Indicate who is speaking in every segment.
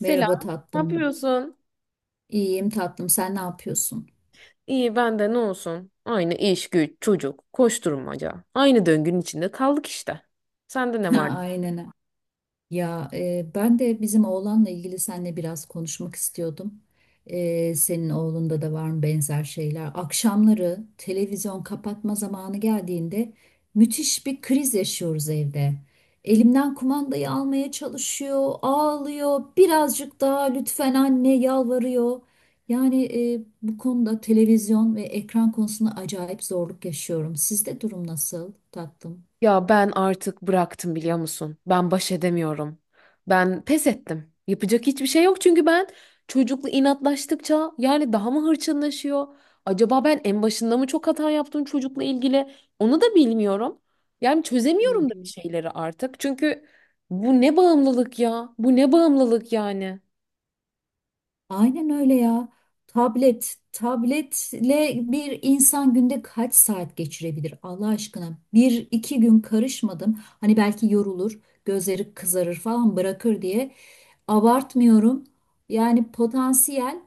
Speaker 1: Merhaba
Speaker 2: Ne
Speaker 1: tatlım.
Speaker 2: yapıyorsun?
Speaker 1: İyiyim tatlım. Sen ne yapıyorsun?
Speaker 2: İyi ben de ne olsun? Aynı iş, güç, çocuk, koşturmaca. Aynı döngünün içinde kaldık işte. Sende ne var?
Speaker 1: Ha, aynen. Ya ben de bizim oğlanla ilgili seninle biraz konuşmak istiyordum. Senin oğlunda da var mı benzer şeyler? Akşamları televizyon kapatma zamanı geldiğinde müthiş bir kriz yaşıyoruz evde. Elimden kumandayı almaya çalışıyor, ağlıyor, birazcık daha lütfen anne yalvarıyor. Yani bu konuda televizyon ve ekran konusunda acayip zorluk yaşıyorum. Sizde durum nasıl tatlım?
Speaker 2: Ya ben artık bıraktım biliyor musun? Ben baş edemiyorum. Ben pes ettim. Yapacak hiçbir şey yok çünkü ben çocukla inatlaştıkça yani daha mı hırçınlaşıyor? Acaba ben en başında mı çok hata yaptım çocukla ilgili? Onu da bilmiyorum. Yani çözemiyorum
Speaker 1: Hı.
Speaker 2: da bir
Speaker 1: Hı.
Speaker 2: şeyleri artık. Çünkü bu ne bağımlılık ya? Bu ne bağımlılık yani?
Speaker 1: Aynen öyle ya. Tabletle bir insan günde kaç saat geçirebilir Allah aşkına? Bir iki gün karışmadım. Hani belki yorulur, gözleri kızarır falan bırakır diye. Abartmıyorum. Yani potansiyel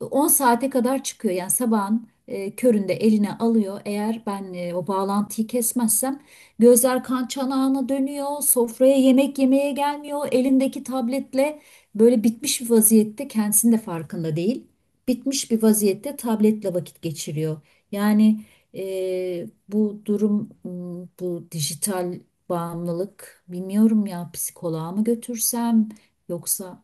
Speaker 1: 10 saate kadar çıkıyor. Yani sabahın köründe eline alıyor. Eğer ben o bağlantıyı kesmezsem gözler kan çanağına dönüyor. Sofraya yemek yemeye gelmiyor. Elindeki tabletle böyle bitmiş bir vaziyette kendisinin de farkında değil. Bitmiş bir vaziyette tabletle vakit geçiriyor. Yani bu durum, bu dijital bağımlılık, bilmiyorum, ya psikoloğa mı götürsem, yoksa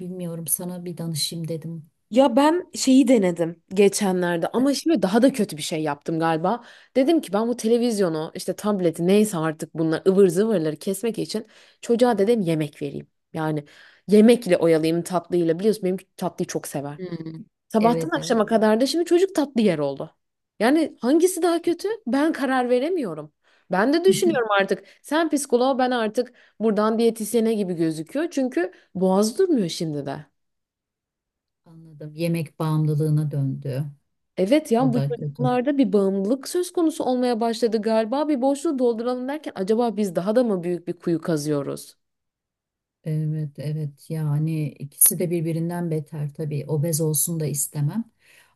Speaker 1: bilmiyorum, sana bir danışayım dedim.
Speaker 2: Ya ben şeyi denedim geçenlerde ama şimdi daha da kötü bir şey yaptım galiba. Dedim ki ben bu televizyonu işte tableti neyse artık bunlar ıvır zıvırları kesmek için çocuğa dedim yemek vereyim. Yani yemekle oyalayayım tatlıyla biliyorsun benim tatlıyı çok sever.
Speaker 1: Hmm.
Speaker 2: Sabahtan
Speaker 1: Evet, evet.
Speaker 2: akşama kadar da şimdi çocuk tatlı yer oldu. Yani hangisi daha kötü ben karar veremiyorum. Ben de düşünüyorum artık sen psikoloğa ben artık buradan diyetisyene gibi gözüküyor çünkü boğaz durmuyor şimdi de.
Speaker 1: Anladım. Yemek bağımlılığına döndü.
Speaker 2: Evet ya
Speaker 1: O
Speaker 2: bu
Speaker 1: da kötü.
Speaker 2: çocuklarda bir bağımlılık söz konusu olmaya başladı galiba. Bir boşluğu dolduralım derken acaba biz daha da mı büyük bir kuyu kazıyoruz?
Speaker 1: Evet, evet. Yani ikisi de birbirinden beter tabii. Obez olsun da istemem.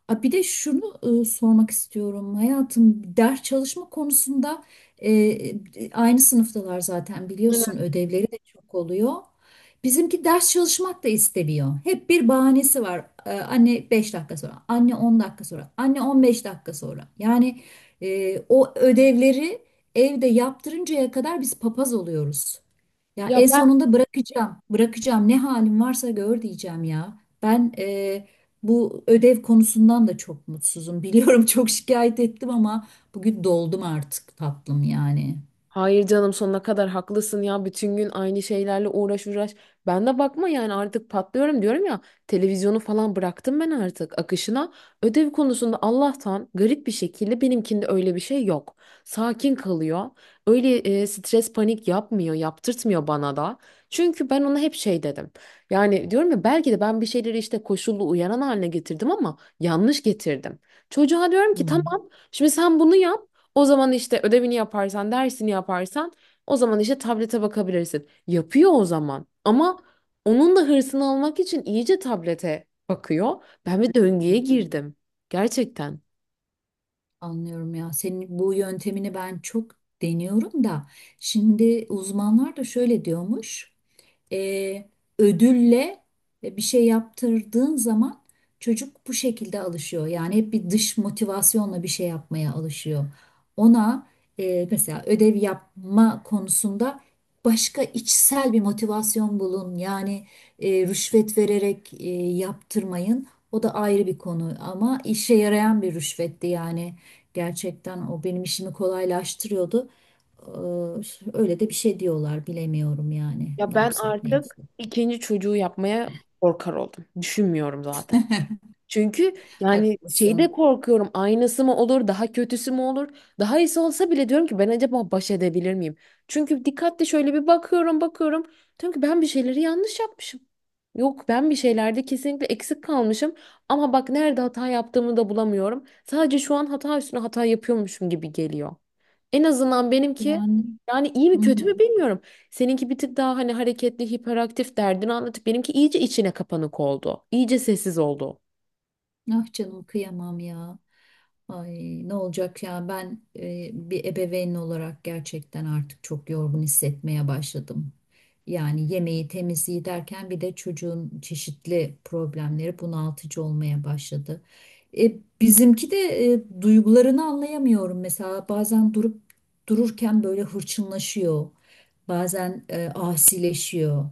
Speaker 1: A, bir de şunu sormak istiyorum. Hayatım, ders çalışma konusunda aynı sınıftalar zaten
Speaker 2: Evet.
Speaker 1: biliyorsun. Ödevleri de çok oluyor. Bizimki ders çalışmak da istemiyor. Hep bir bahanesi var. Anne 5 dakika sonra, anne 10 dakika sonra, anne 15 dakika sonra. Yani o ödevleri evde yaptırıncaya kadar biz papaz oluyoruz. Ya
Speaker 2: Ya
Speaker 1: en sonunda bırakacağım. Bırakacağım. Ne halim varsa gör diyeceğim ya. Ben bu ödev konusundan da çok mutsuzum. Biliyorum, çok şikayet ettim ama bugün doldum artık tatlım yani.
Speaker 2: hayır, canım, sonuna kadar haklısın ya bütün gün aynı şeylerle uğraş uğraş. Ben de bakma yani artık patlıyorum diyorum ya televizyonu falan bıraktım ben artık akışına. Ödev konusunda Allah'tan garip bir şekilde benimkinde öyle bir şey yok. Sakin kalıyor. Öyle stres panik yapmıyor yaptırtmıyor bana da. Çünkü ben ona hep şey dedim. Yani diyorum ya belki de ben bir şeyleri işte koşullu uyaran haline getirdim ama yanlış getirdim. Çocuğa diyorum ki
Speaker 1: Hmm.
Speaker 2: tamam şimdi sen bunu yap. O zaman işte ödevini yaparsan, dersini yaparsan o zaman işte tablete bakabilirsin. Yapıyor o zaman. Ama onun da hırsını almak için iyice tablete bakıyor. Ben
Speaker 1: Hmm.
Speaker 2: bir döngüye
Speaker 1: Hmm.
Speaker 2: girdim. Gerçekten.
Speaker 1: Anlıyorum ya. Senin bu yöntemini ben çok deniyorum da. Şimdi uzmanlar da şöyle diyormuş. e, Ödülle bir şey yaptırdığın zaman çocuk bu şekilde alışıyor. Yani hep bir dış motivasyonla bir şey yapmaya alışıyor. Ona mesela ödev yapma konusunda başka içsel bir motivasyon bulun. Yani rüşvet vererek yaptırmayın. O da ayrı bir konu ama işe yarayan bir rüşvetti yani. Gerçekten o benim işimi kolaylaştırıyordu. Ee, Öyle de bir şey diyorlar, bilemiyorum yani
Speaker 2: Ya
Speaker 1: ne
Speaker 2: ben
Speaker 1: yapsak ne
Speaker 2: artık
Speaker 1: etsek.
Speaker 2: ikinci çocuğu yapmaya korkar oldum. Düşünmüyorum zaten. Çünkü yani şeyde
Speaker 1: Haklısın.
Speaker 2: korkuyorum aynısı mı olur daha kötüsü mü olur daha iyisi olsa bile diyorum ki ben acaba baş edebilir miyim? Çünkü dikkatli şöyle bir bakıyorum diyorum ki ben bir şeyleri yanlış yapmışım. Yok ben bir şeylerde kesinlikle eksik kalmışım ama bak nerede hata yaptığımı da bulamıyorum. Sadece şu an hata üstüne hata yapıyormuşum gibi geliyor. En azından benimki
Speaker 1: Yani
Speaker 2: yani iyi
Speaker 1: hı
Speaker 2: mi kötü
Speaker 1: hı.
Speaker 2: mü bilmiyorum. Seninki bir tık daha hani hareketli, hiperaktif derdini anlatıp benimki iyice içine kapanık oldu. İyice sessiz oldu.
Speaker 1: Ah canım, kıyamam ya. Ay, ne olacak ya, ben bir ebeveyn olarak gerçekten artık çok yorgun hissetmeye başladım. Yani yemeği temizliği derken bir de çocuğun çeşitli problemleri bunaltıcı olmaya başladı. E, Bizimki de duygularını anlayamıyorum. Mesela bazen durup dururken böyle hırçınlaşıyor. Bazen asileşiyor,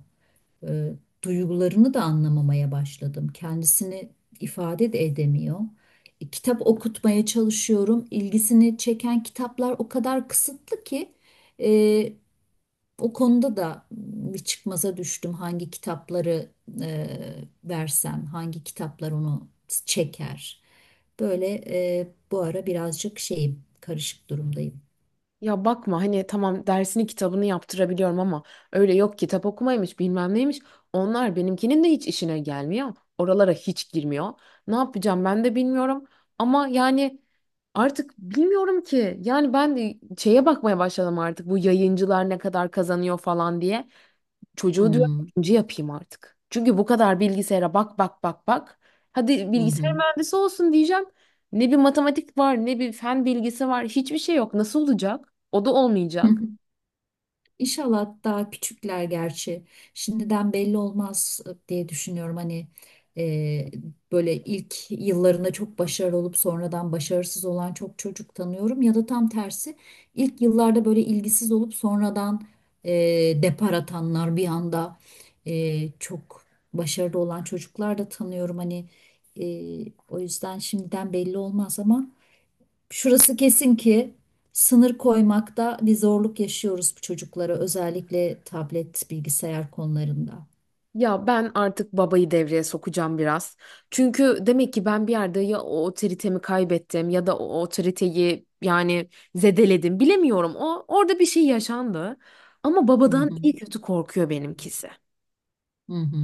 Speaker 1: e, duygularını da anlamamaya başladım. Kendisini ifade de edemiyor. Kitap okutmaya çalışıyorum. İlgisini çeken kitaplar o kadar kısıtlı ki e, o konuda da bir çıkmaza düştüm. Hangi kitapları versem, hangi kitaplar onu çeker? Böyle bu ara birazcık şeyim, karışık durumdayım.
Speaker 2: Ya bakma hani tamam dersini kitabını yaptırabiliyorum ama öyle yok kitap okumaymış bilmem neymiş. Onlar benimkinin de hiç işine gelmiyor. Oralara hiç girmiyor. Ne yapacağım ben de bilmiyorum. Ama yani artık bilmiyorum ki. Yani ben de şeye bakmaya başladım artık bu yayıncılar ne kadar kazanıyor falan diye. Çocuğu diyorum
Speaker 1: Hmm,
Speaker 2: önce yapayım artık. Çünkü bu kadar bilgisayara bak bak bak bak. Hadi
Speaker 1: hı
Speaker 2: bilgisayar
Speaker 1: hı.
Speaker 2: mühendisi olsun diyeceğim. Ne bir matematik var, ne bir fen bilgisi var, hiçbir şey yok. Nasıl olacak? O da olmayacak.
Speaker 1: İnşallah daha küçükler gerçi. Şimdiden belli olmaz diye düşünüyorum. Hani e, böyle ilk yıllarında çok başarılı olup sonradan başarısız olan çok çocuk tanıyorum. Ya da tam tersi, ilk yıllarda böyle ilgisiz olup sonradan e, depar atanlar, bir anda çok başarılı olan çocuklar da tanıyorum. Hani o yüzden şimdiden belli olmaz ama. Şurası kesin ki sınır koymakta bir zorluk yaşıyoruz bu çocuklara, özellikle tablet, bilgisayar konularında.
Speaker 2: Ya ben artık babayı devreye sokacağım biraz. Çünkü demek ki ben bir yerde ya o otoritemi kaybettim ya da o otoriteyi yani zedeledim. Bilemiyorum. O orada bir şey yaşandı. Ama
Speaker 1: Hı
Speaker 2: babadan
Speaker 1: hı.
Speaker 2: iyi kötü korkuyor benimkisi.
Speaker 1: Hı hı.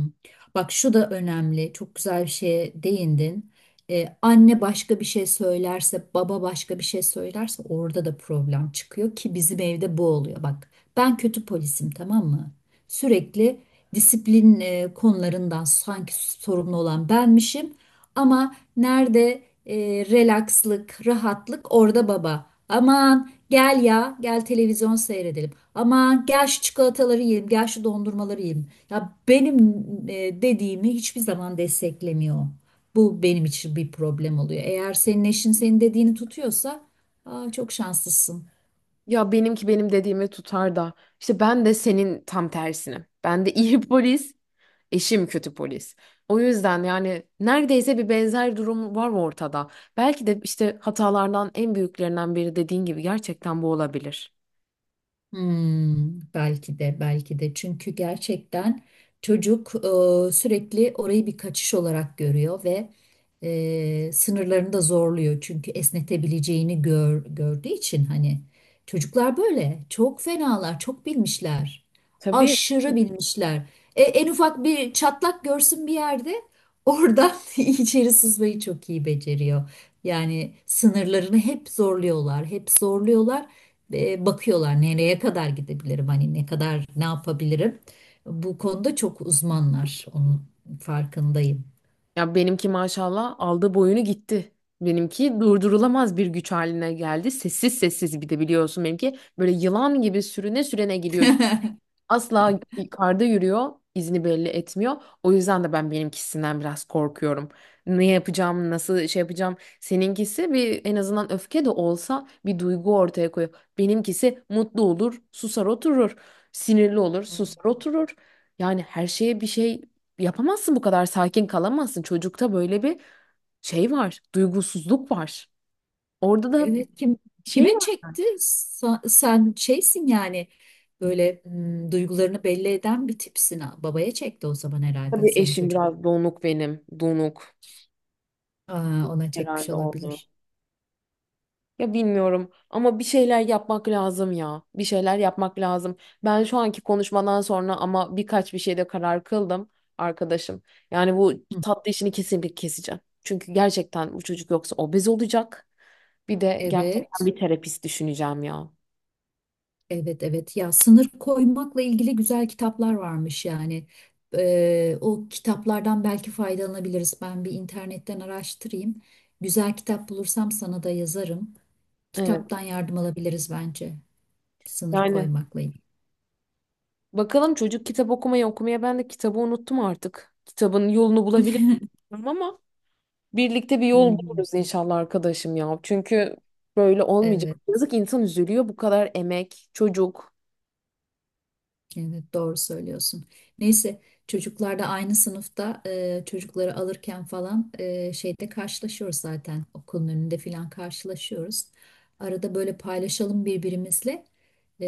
Speaker 1: Bak, şu da önemli. Çok güzel bir şeye değindin. Anne başka bir şey söylerse, baba başka bir şey söylerse orada da problem çıkıyor ki bizim evde bu oluyor. Bak, ben kötü polisim, tamam mı? Sürekli disiplin konularından sanki sorumlu olan benmişim ama nerede relakslık, rahatlık, orada baba. Aman gel ya, gel televizyon seyredelim. Aman gel şu çikolataları yiyelim, gel şu dondurmaları yiyelim. Ya benim dediğimi hiçbir zaman desteklemiyor. Bu benim için bir problem oluyor. Eğer senin eşin senin dediğini tutuyorsa, aa, çok şanslısın.
Speaker 2: Ya benimki benim dediğimi tutar da işte ben de senin tam tersini. Ben de iyi polis. Eşim kötü polis. O yüzden yani neredeyse bir benzer durum var ortada. Belki de işte hatalardan en büyüklerinden biri dediğin gibi gerçekten bu olabilir.
Speaker 1: Hmm, belki de, belki de, çünkü gerçekten çocuk sürekli orayı bir kaçış olarak görüyor ve sınırlarını da zorluyor çünkü esnetebileceğini gördüğü için. Hani çocuklar böyle çok fenalar, çok bilmişler,
Speaker 2: Tabii.
Speaker 1: aşırı bilmişler. En ufak bir çatlak görsün bir yerde, oradan içeri sızmayı çok iyi beceriyor. Yani sınırlarını hep zorluyorlar, hep zorluyorlar, bakıyorlar nereye kadar gidebilirim, hani ne kadar ne yapabilirim. Bu konuda çok uzmanlar, onun farkındayım.
Speaker 2: Ya benimki maşallah aldı boyunu gitti. Benimki durdurulamaz bir güç haline geldi. Sessiz sessiz bir de biliyorsun benimki böyle yılan gibi sürüne sürene gidiyor. Asla yukarıda yürüyor, izini belli etmiyor. O yüzden de ben benimkisinden biraz korkuyorum. Ne yapacağım, nasıl şey yapacağım? Seninkisi bir en azından öfke de olsa bir duygu ortaya koyuyor. Benimkisi mutlu olur, susar oturur. Sinirli olur, susar
Speaker 1: Hmm.
Speaker 2: oturur. Yani her şeye bir şey yapamazsın bu kadar sakin kalamazsın. Çocukta böyle bir şey var, duygusuzluk var. Orada da
Speaker 1: Evet, kim
Speaker 2: şey
Speaker 1: kime
Speaker 2: var,
Speaker 1: çekti? Sen şeysin yani, böyle duygularını belli eden bir tipsin. Ha. Babaya çekti o zaman herhalde
Speaker 2: tabii
Speaker 1: senin
Speaker 2: eşim
Speaker 1: çocuk.
Speaker 2: biraz donuk, benim donuk
Speaker 1: Aa, ona çekmiş
Speaker 2: herhalde oldu.
Speaker 1: olabilir.
Speaker 2: Ya bilmiyorum ama bir şeyler yapmak lazım ya. Bir şeyler yapmak lazım. Ben şu anki konuşmadan sonra ama birkaç bir şeyde karar kıldım arkadaşım. Yani bu
Speaker 1: Hı.
Speaker 2: tatlı işini kesinlikle keseceğim. Çünkü gerçekten bu çocuk yoksa obez olacak. Bir de gerçekten
Speaker 1: Evet.
Speaker 2: bir terapist düşüneceğim ya.
Speaker 1: Evet, evet, ya sınır koymakla ilgili güzel kitaplar varmış yani. O kitaplardan belki faydalanabiliriz. Ben bir internetten araştırayım. Güzel kitap bulursam sana da yazarım.
Speaker 2: Evet.
Speaker 1: Kitaptan yardım alabiliriz bence, sınır
Speaker 2: Yani
Speaker 1: koymakla ilgili.
Speaker 2: bakalım çocuk kitap okumayı okumaya ben de kitabı unuttum artık. Kitabın yolunu bulabilir miyim ama birlikte bir yol
Speaker 1: Hmm.
Speaker 2: buluruz inşallah arkadaşım ya. Çünkü böyle olmayacak.
Speaker 1: Evet.
Speaker 2: Yazık insan üzülüyor bu kadar emek, çocuk.
Speaker 1: Evet, doğru söylüyorsun. Neyse, çocuklar da aynı sınıfta, çocukları alırken falan şeyde karşılaşıyoruz zaten, okulun önünde falan karşılaşıyoruz. Arada böyle paylaşalım birbirimizle.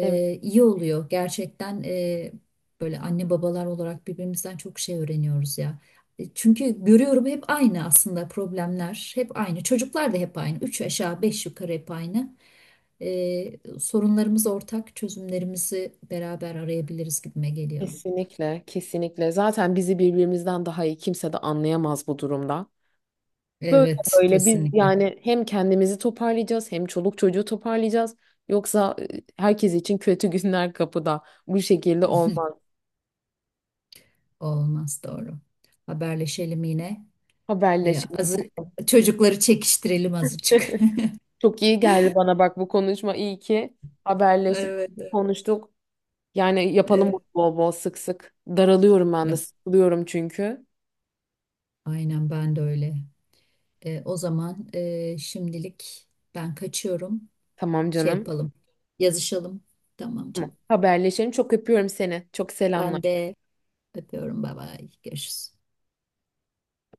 Speaker 2: Evet,
Speaker 1: İyi oluyor. Gerçekten böyle anne babalar olarak birbirimizden çok şey öğreniyoruz ya. Çünkü görüyorum hep aynı aslında, problemler hep aynı. Çocuklar da hep aynı. Üç aşağı beş yukarı hep aynı, sorunlarımız ortak, çözümlerimizi beraber arayabiliriz gibime geliyor.
Speaker 2: kesinlikle, kesinlikle. Zaten bizi birbirimizden daha iyi kimse de anlayamaz bu durumda. Böyle
Speaker 1: Evet,
Speaker 2: böyle biz
Speaker 1: kesinlikle.
Speaker 2: yani hem kendimizi toparlayacağız hem çoluk çocuğu toparlayacağız. Yoksa herkes için kötü günler kapıda. Bu şekilde olmaz.
Speaker 1: Olmaz, doğru. Haberleşelim yine. E,
Speaker 2: Haberleşelim.
Speaker 1: azı, Çocukları çekiştirelim azıcık.
Speaker 2: Çok iyi geldi bana bak bu konuşma. İyi ki haberleştik,
Speaker 1: Evet, evet.
Speaker 2: konuştuk. Yani yapalım bunu
Speaker 1: Evet.
Speaker 2: bol bol sık sık. Daralıyorum ben de,
Speaker 1: Ya,
Speaker 2: sıkılıyorum çünkü.
Speaker 1: aynen, ben de öyle. O zaman şimdilik ben kaçıyorum.
Speaker 2: Tamam
Speaker 1: Şey
Speaker 2: canım.
Speaker 1: yapalım. Yazışalım. Tamam canım.
Speaker 2: Tamam. Haberleşelim. Çok öpüyorum seni. Çok selamlar.
Speaker 1: Ben de öpüyorum. Bay bay. Görüşürüz.